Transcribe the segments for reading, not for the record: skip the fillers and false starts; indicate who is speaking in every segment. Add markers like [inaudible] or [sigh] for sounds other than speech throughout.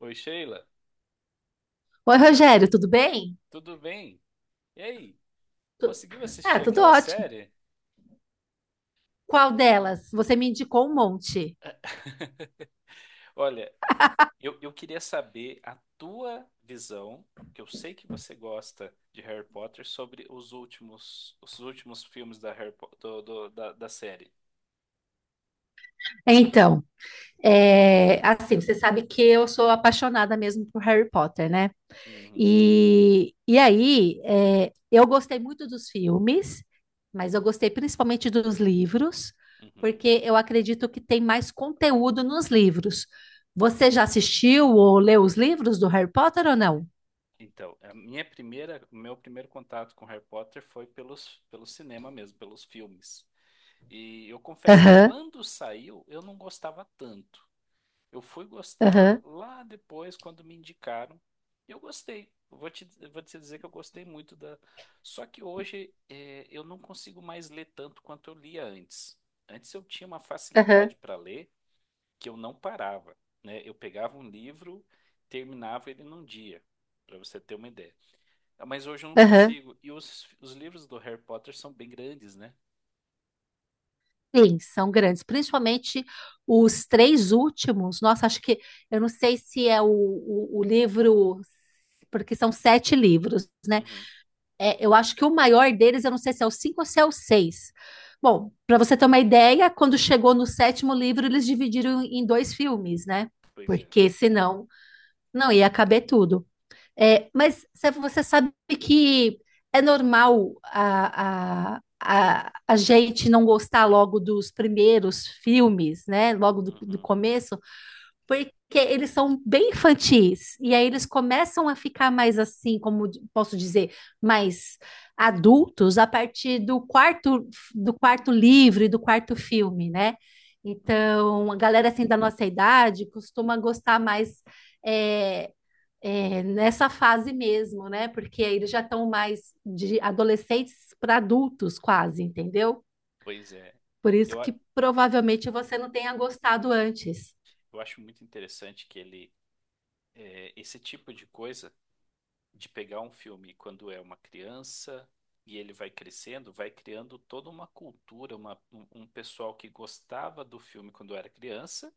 Speaker 1: Oi, Sheila,
Speaker 2: Oi, Rogério, tudo bem?
Speaker 1: tudo bem? E aí,
Speaker 2: Tu-
Speaker 1: conseguiu
Speaker 2: Ah,
Speaker 1: assistir
Speaker 2: tudo
Speaker 1: aquela
Speaker 2: ótimo.
Speaker 1: série?
Speaker 2: Qual delas? Você me indicou um monte.
Speaker 1: Olha, eu queria saber a tua visão, que eu sei que você gosta de Harry Potter, sobre os últimos filmes da, Harry Po- do- do- da, da série.
Speaker 2: Então, assim, você sabe que eu sou apaixonada mesmo por Harry Potter, né?
Speaker 1: Uhum,
Speaker 2: E aí, eu gostei muito dos filmes, mas eu gostei principalmente dos livros,
Speaker 1: uhum.
Speaker 2: porque eu acredito que tem mais conteúdo nos livros. Você já assistiu ou leu os livros do Harry Potter ou não?
Speaker 1: Então, o meu primeiro contato com Harry Potter foi pelo cinema mesmo, pelos filmes. E eu confesso que
Speaker 2: Aham,
Speaker 1: quando saiu, eu não gostava tanto. Eu fui gostar
Speaker 2: aham,
Speaker 1: lá depois, quando me indicaram. E eu gostei. Eu vou te dizer que eu gostei muito da. Só que hoje eu não consigo mais ler tanto quanto eu lia antes. Antes eu tinha uma
Speaker 2: aham,
Speaker 1: facilidade para ler que eu não parava, né? Eu pegava um livro, terminava ele num dia, para você ter uma ideia. Ah, mas hoje eu não
Speaker 2: aham.
Speaker 1: consigo. E os livros do Harry Potter são bem grandes, né?
Speaker 2: Sim, são grandes, principalmente os três últimos. Nossa, acho que eu não sei se é o livro, porque são sete livros, né?
Speaker 1: Uhum,
Speaker 2: Eu acho que o maior deles, eu não sei se é o cinco ou se é o seis. Bom, para você ter uma ideia, quando chegou no sétimo livro, eles dividiram em dois filmes, né?
Speaker 1: pois é.
Speaker 2: Porque senão não ia caber tudo. Mas Sefa, você sabe que é normal a gente não gostar logo dos primeiros filmes, né? Logo do
Speaker 1: Uhum,
Speaker 2: começo, porque eles são bem infantis. E aí eles começam a ficar mais assim, como posso dizer, mais adultos a partir do quarto livro e do quarto filme, né?
Speaker 1: uhum,
Speaker 2: Então, a galera assim da nossa idade costuma gostar mais é, nessa fase mesmo, né? Porque aí eles já estão mais de adolescentes para adultos, quase, entendeu?
Speaker 1: pois é.
Speaker 2: Por isso
Speaker 1: Eu,
Speaker 2: que
Speaker 1: a-
Speaker 2: provavelmente você não tenha gostado antes.
Speaker 1: eu acho muito interessante que ele esse tipo de coisa, de pegar um filme quando é uma criança e ele vai crescendo, vai criando toda uma cultura, um pessoal que gostava do filme quando era criança,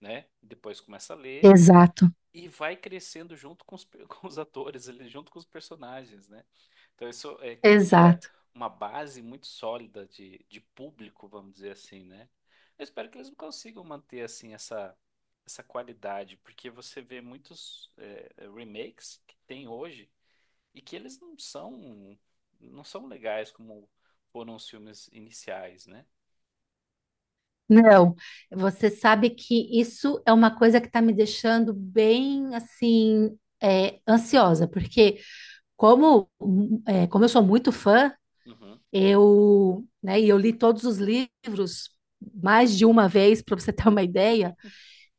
Speaker 1: né? Depois começa a ler
Speaker 2: Exato.
Speaker 1: e vai crescendo junto [laughs] com os atores, ali, junto com os personagens, né? Então isso cria
Speaker 2: Exato.
Speaker 1: uma base muito sólida de público, vamos dizer assim, né? Eu espero que eles consigam manter assim essa qualidade, porque você vê muitos remakes que tem hoje e que eles não são legais como foram os filmes iniciais, né?
Speaker 2: Não, você sabe que isso é uma coisa que está me deixando bem assim ansiosa, porque como eu sou muito fã,
Speaker 1: Uhum.
Speaker 2: eu, né, e eu li todos os livros mais de uma vez para você ter uma [laughs] ideia.
Speaker 1: [laughs]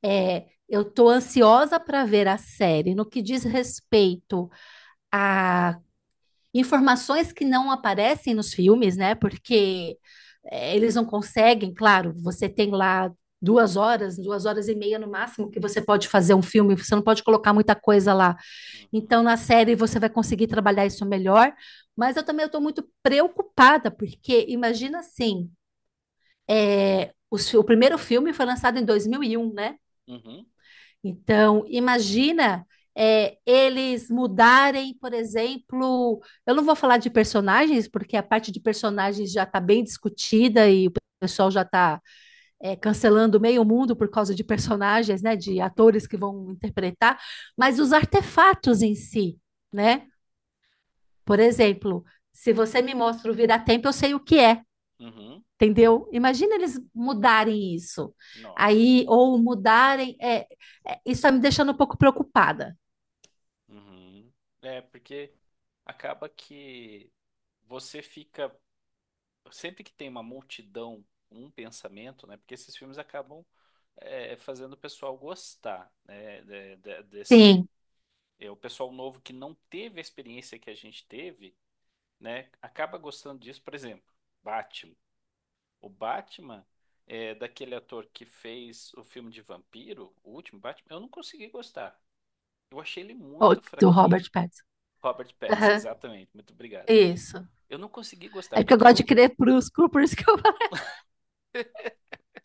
Speaker 2: Eu estou ansiosa para ver a série. No que diz respeito a informações que não aparecem nos filmes, né?
Speaker 1: Uhum.
Speaker 2: Porque eles não conseguem, claro, você tem lá 2 horas, 2 horas e meia no máximo que você pode fazer um filme, você não pode colocar muita coisa lá.
Speaker 1: Uhum.
Speaker 2: Então, na série você vai conseguir trabalhar isso melhor, mas eu também estou muito preocupada, porque imagina assim, o primeiro filme foi lançado em 2001, né?
Speaker 1: Uhum.
Speaker 2: Então, imagina eles mudarem, por exemplo, eu não vou falar de personagens, porque a parte de personagens já está bem discutida e o pessoal já está cancelando meio mundo por causa de personagens, né, de atores
Speaker 1: [laughs]
Speaker 2: que vão interpretar, mas os artefatos em si,
Speaker 1: Sim.
Speaker 2: né? Por exemplo, se você me mostra o vira-tempo, eu sei o que é.
Speaker 1: Uhum.
Speaker 2: Entendeu? Imagina eles mudarem isso. Aí,
Speaker 1: Nossa.
Speaker 2: ou mudarem. Isso está me deixando um pouco preocupada.
Speaker 1: Uhum. É, porque acaba que você fica. Sempre que tem uma multidão, um pensamento, né? Porque esses filmes acabam fazendo o pessoal gostar, né? Desse.
Speaker 2: Sim,
Speaker 1: É, o pessoal novo que não teve a experiência que a gente teve, né? Acaba gostando disso. Por exemplo, Batman. O Batman é daquele ator que fez o filme de vampiro, o último Batman. Eu não consegui gostar. Eu achei ele muito
Speaker 2: do
Speaker 1: fraquinho.
Speaker 2: Robert Pattinson.
Speaker 1: Robert Pattinson,
Speaker 2: Aham,
Speaker 1: exatamente. Muito obrigado.
Speaker 2: isso.
Speaker 1: Eu não consegui gostar,
Speaker 2: É porque eu
Speaker 1: porque
Speaker 2: gosto de
Speaker 1: eu,
Speaker 2: crer crepúsculo, por isso que eu falo.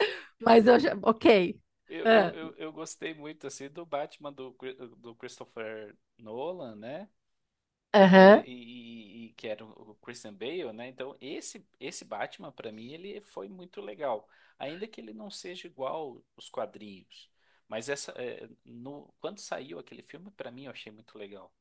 Speaker 2: [laughs] Mas eu já. Ok.
Speaker 1: eu, eu,
Speaker 2: Ah,
Speaker 1: eu, eu gostei muito assim do Batman do Christopher Nolan, né? E,
Speaker 2: aham.
Speaker 1: e- e- e que era o Christian Bale, né? Então, esse Batman, pra mim, ele foi muito legal. Ainda que ele não seja igual os quadrinhos. Mas essa, é, no, quando saiu aquele filme, pra mim, eu achei muito legal,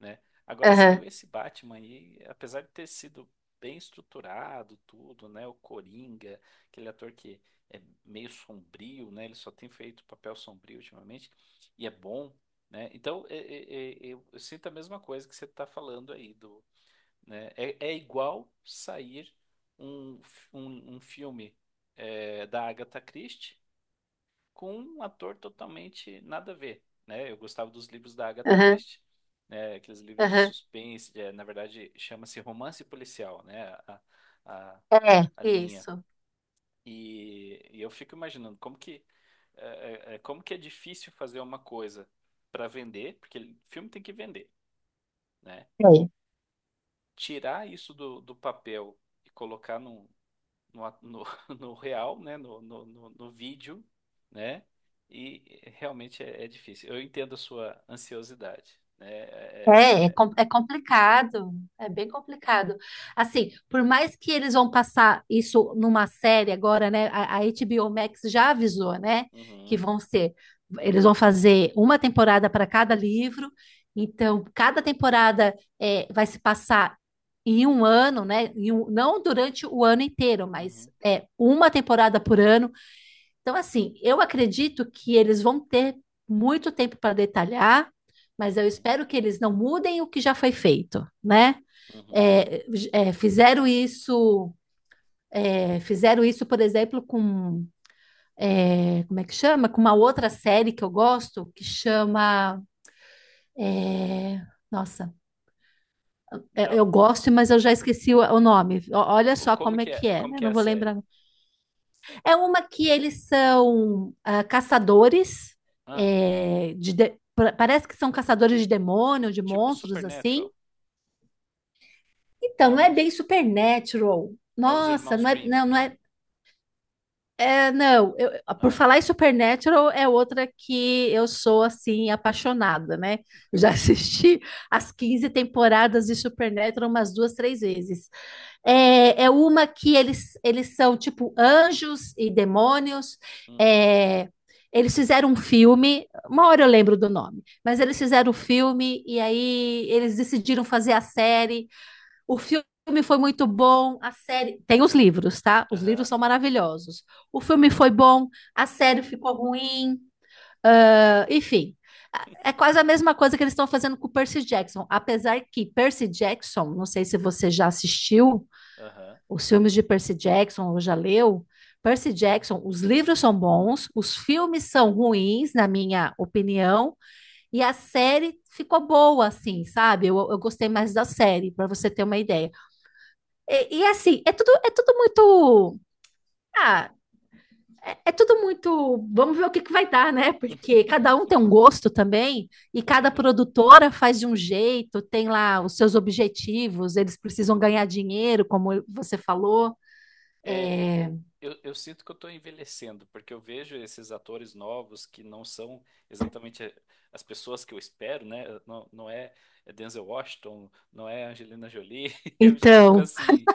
Speaker 1: né? Agora saiu
Speaker 2: Aham,
Speaker 1: esse Batman aí, apesar de ter sido bem estruturado tudo, né? O Coringa, aquele ator que é meio sombrio, né? Ele só tem feito papel sombrio ultimamente e é bom, né? Então, eu sinto a mesma coisa que você está falando aí do, né? É, é igual sair um filme da Agatha Christie com um ator totalmente nada a ver, né? Eu gostava dos livros da Agatha
Speaker 2: aham,
Speaker 1: Christie, né? Aqueles livros de
Speaker 2: aham,
Speaker 1: suspense, é, na verdade chama-se romance policial, né? A,
Speaker 2: aham.
Speaker 1: a
Speaker 2: É,
Speaker 1: linha.
Speaker 2: isso.
Speaker 1: E eu fico imaginando como que é, como que é difícil fazer uma coisa para vender, porque filme tem que vender, né? Tirar isso do, do papel e colocar num, no, a- no, [laughs] no real, né? No vídeo, né? E realmente é difícil. Eu entendo a sua ansiosidade, né?
Speaker 2: É, é, com- é complicado, é bem complicado. Assim, por mais que eles vão passar isso numa série agora, né? A HBO Max já avisou, né? Que
Speaker 1: Uhum,
Speaker 2: vão ser, eles vão fazer uma temporada para cada livro, então cada temporada vai se passar em um ano, né? Não durante o ano inteiro, mas
Speaker 1: uhum,
Speaker 2: é uma temporada por ano. Então, assim, eu acredito que eles vão ter muito tempo para detalhar, mas eu
Speaker 1: uhum,
Speaker 2: espero que eles não mudem o que já foi feito, né?
Speaker 1: uhum.
Speaker 2: É, é, fizeram isso, fizeram isso, por exemplo, como é que chama? Com uma outra série que eu gosto, que chama, é, nossa, eu
Speaker 1: Da-
Speaker 2: gosto, mas eu já esqueci o nome. Olha só
Speaker 1: Como
Speaker 2: como é
Speaker 1: que
Speaker 2: que
Speaker 1: é,
Speaker 2: é,
Speaker 1: como
Speaker 2: né?
Speaker 1: que é
Speaker 2: Não
Speaker 1: a
Speaker 2: vou
Speaker 1: série?
Speaker 2: lembrar. É uma que eles são caçadores,
Speaker 1: Ah,
Speaker 2: parece que são caçadores de demônio, de
Speaker 1: tipo
Speaker 2: monstros,
Speaker 1: Supernatural.
Speaker 2: assim. Então, não
Speaker 1: Não
Speaker 2: é
Speaker 1: é,
Speaker 2: bem supernatural.
Speaker 1: é os
Speaker 2: Nossa,
Speaker 1: irmãos
Speaker 2: não é,
Speaker 1: Grimm.
Speaker 2: não, não é. Não, por
Speaker 1: Ah,
Speaker 2: falar em Supernatural é outra que eu sou assim apaixonada, né? Eu já [laughs] assisti as 15 temporadas de Supernatural umas duas, três vezes. É uma que eles são tipo anjos e demônios.
Speaker 1: hum,
Speaker 2: é, Eles fizeram um filme, uma hora eu lembro do nome, mas eles fizeram o filme e aí eles decidiram fazer a série. O filme foi muito bom, a série. Tem os livros, tá? Os livros
Speaker 1: aham,
Speaker 2: são maravilhosos. O filme foi bom, a série ficou ruim, ah, enfim. É quase a mesma coisa que eles estão fazendo com o Percy Jackson. Apesar que Percy Jackson, não sei se você já assistiu
Speaker 1: aham.
Speaker 2: os filmes de Percy Jackson ou já leu. Percy Jackson, os livros são bons, os filmes são ruins, na minha opinião, e a série ficou boa, assim, sabe? Eu gostei mais da série, para você ter uma ideia. E assim, é tudo muito. Ah, tudo muito. Vamos ver o que, que vai dar, né? Porque
Speaker 1: [laughs]
Speaker 2: cada um tem um gosto também, e cada
Speaker 1: Uhum.
Speaker 2: produtora faz de um jeito, tem lá os seus objetivos, eles precisam ganhar dinheiro, como você falou.
Speaker 1: É,
Speaker 2: É,
Speaker 1: eu sinto que eu estou envelhecendo, porque eu vejo esses atores novos que não são exatamente as pessoas que eu espero, né? Não, não é Denzel Washington, não é Angelina Jolie. [laughs] Eu já fico
Speaker 2: então,
Speaker 1: assim, o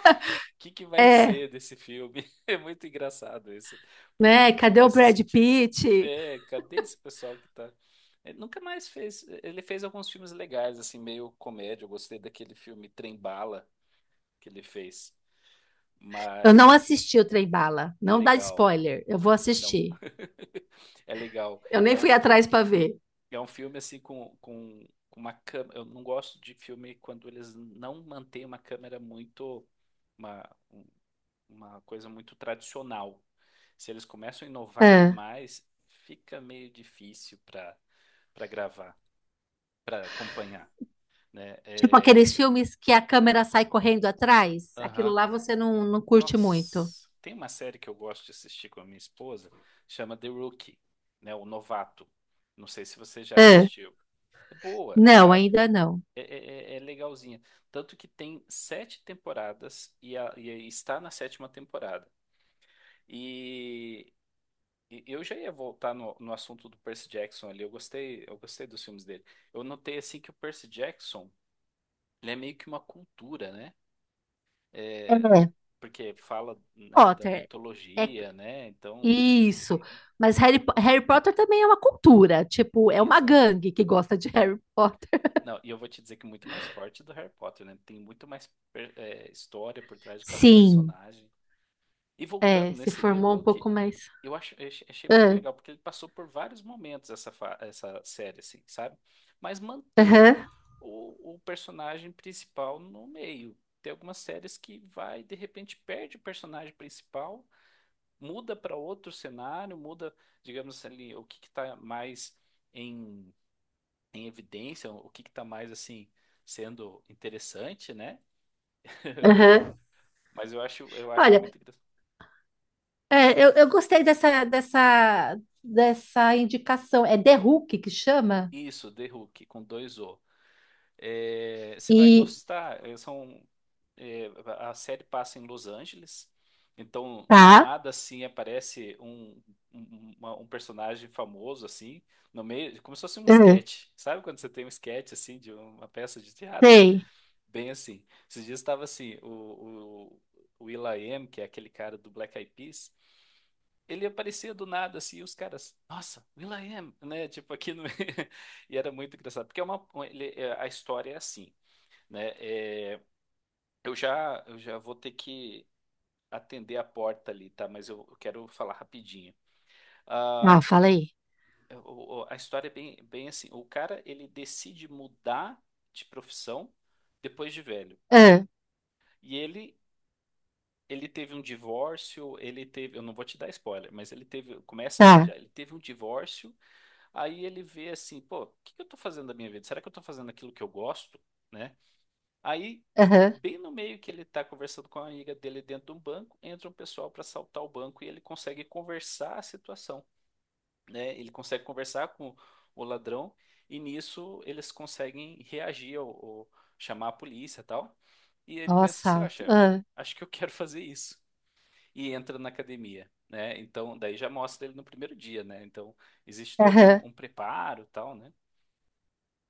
Speaker 1: que que vai
Speaker 2: é,
Speaker 1: ser desse filme? [laughs] É muito engraçado isso, porque a
Speaker 2: né?
Speaker 1: gente
Speaker 2: Cadê
Speaker 1: vai
Speaker 2: o
Speaker 1: se
Speaker 2: Brad
Speaker 1: sentir,
Speaker 2: Pitt?
Speaker 1: é, cadê esse pessoal que tá? Ele nunca mais fez. Ele fez alguns filmes legais, assim, meio comédia. Eu gostei daquele filme Trem Bala que ele fez,
Speaker 2: Eu não
Speaker 1: mas
Speaker 2: assisti o Trem Bala,
Speaker 1: é
Speaker 2: não dá
Speaker 1: legal.
Speaker 2: spoiler, eu vou
Speaker 1: Não,
Speaker 2: assistir.
Speaker 1: é legal.
Speaker 2: Eu
Speaker 1: É
Speaker 2: nem
Speaker 1: um,
Speaker 2: fui atrás para ver.
Speaker 1: é um filme assim com uma câmera. Eu não gosto de filme quando eles não mantêm uma câmera muito. Uma, um- uma coisa muito tradicional. Se eles começam a inovar
Speaker 2: É.
Speaker 1: demais, fica meio difícil para gravar, para acompanhar, né?
Speaker 2: Tipo
Speaker 1: É,
Speaker 2: aqueles filmes que a câmera sai correndo atrás. Aquilo
Speaker 1: aham.
Speaker 2: lá você não curte muito.
Speaker 1: Nossa, tem uma série que eu gosto de assistir com a minha esposa, chama The Rookie, né? O Novato. Não sei se você já
Speaker 2: É.
Speaker 1: assistiu. É boa,
Speaker 2: Não,
Speaker 1: sabe?
Speaker 2: ainda não.
Speaker 1: É legalzinha. Tanto que tem sete temporadas e está na sétima temporada. E, e eu já ia voltar no, no assunto do Percy Jackson ali. Eu gostei dos filmes dele. Eu notei assim que o Percy Jackson, ele é meio que uma cultura, né? É,
Speaker 2: É.
Speaker 1: porque fala, né, da
Speaker 2: Potter. É
Speaker 1: mitologia, né? Então,
Speaker 2: isso.
Speaker 1: e- e-
Speaker 2: Mas Harry Potter também é uma cultura. Tipo, é uma
Speaker 1: exato.
Speaker 2: gangue que gosta de [laughs] Harry Potter.
Speaker 1: Não, e eu vou te dizer que é muito mais forte do Harry Potter, né? Tem muito mais história por trás de cada
Speaker 2: Sim.
Speaker 1: personagem. E voltando
Speaker 2: Se
Speaker 1: nesse The
Speaker 2: formou um
Speaker 1: Rookie,
Speaker 2: pouco mais.
Speaker 1: eu acho eu ach- achei muito
Speaker 2: Ah.
Speaker 1: legal, porque ele passou por vários momentos essa série, assim, sabe? Mas mantém
Speaker 2: Aham,
Speaker 1: o personagem principal no meio. Tem algumas séries que vai, de repente, perde o personagem principal, muda para outro cenário, muda, digamos ali, o que que tá mais em, em evidência, o que que tá mais, assim, sendo interessante, né? [laughs]
Speaker 2: aham.
Speaker 1: Mas eu acho
Speaker 2: Olha,
Speaker 1: muito engraçado.
Speaker 2: eu gostei dessa, indicação. É The Hook que chama?
Speaker 1: Isso, The Hook, com dois O. É, você vai
Speaker 2: E.
Speaker 1: gostar. É, é, a série passa em Los Angeles, então do
Speaker 2: Tá.
Speaker 1: nada assim aparece um personagem famoso assim no meio, como se fosse um
Speaker 2: É.
Speaker 1: sketch. Sabe quando você tem um sketch assim de uma peça de teatro?
Speaker 2: Sei.
Speaker 1: Bem assim. Esses dias estava assim o will.i.am, que é aquele cara do Black Eyed Peas. Ele aparecia do nada assim, e os caras, nossa, will.i.am, né? Tipo aqui no [laughs] e era muito engraçado porque é a história é assim, né? É, eu já vou ter que atender a porta ali, tá? Mas eu quero falar rapidinho. Ah,
Speaker 2: Ah, falei.
Speaker 1: a história é bem, bem assim. O cara, ele decide mudar de profissão depois de velho.
Speaker 2: Ah,
Speaker 1: E ele teve um divórcio, ele teve, eu não vou te dar spoiler, mas ele teve, começa assim
Speaker 2: tá.
Speaker 1: já, ele teve um divórcio, aí ele vê assim, pô, o que que eu tô fazendo da minha vida? Será que eu tô fazendo aquilo que eu gosto? Né? Aí,
Speaker 2: Aham.
Speaker 1: bem no meio que ele está conversando com a amiga dele dentro de um banco, entra um pessoal para assaltar o banco e ele consegue conversar a situação, né? Ele consegue conversar com o ladrão e nisso eles conseguem reagir ou chamar a polícia e tal. E ele
Speaker 2: Ó,
Speaker 1: pensa assim,
Speaker 2: assalto.
Speaker 1: acha,
Speaker 2: Ah,
Speaker 1: acho que eu quero fazer isso. E entra na academia, né? Então, daí já mostra ele no primeiro dia, né? Então, existe todo
Speaker 2: aham.
Speaker 1: um preparo e tal, né?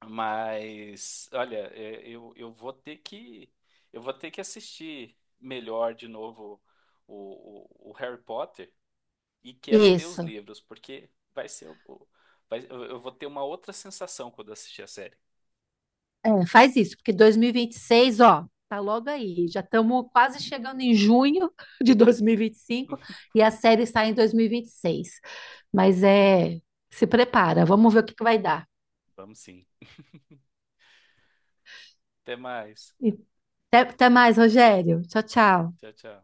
Speaker 1: Mas, olha, é, eu vou ter que eu vou ter que assistir melhor de novo o Harry Potter e quero ler os
Speaker 2: Isso.
Speaker 1: livros, porque vai ser eu vou ter uma outra sensação quando assistir a série.
Speaker 2: Faz isso, porque dois mil e vinte e seis, ó, tá logo aí. Já estamos quase chegando em junho [laughs] de dois mil e vinte e cinco
Speaker 1: [laughs]
Speaker 2: e a série sai em dois mil e vinte e seis. Mas se prepara, vamos ver o que que vai dar.
Speaker 1: Vamos sim. Até mais.
Speaker 2: E até mais, Rogério. Tchau, tchau.
Speaker 1: Tchau, tchau.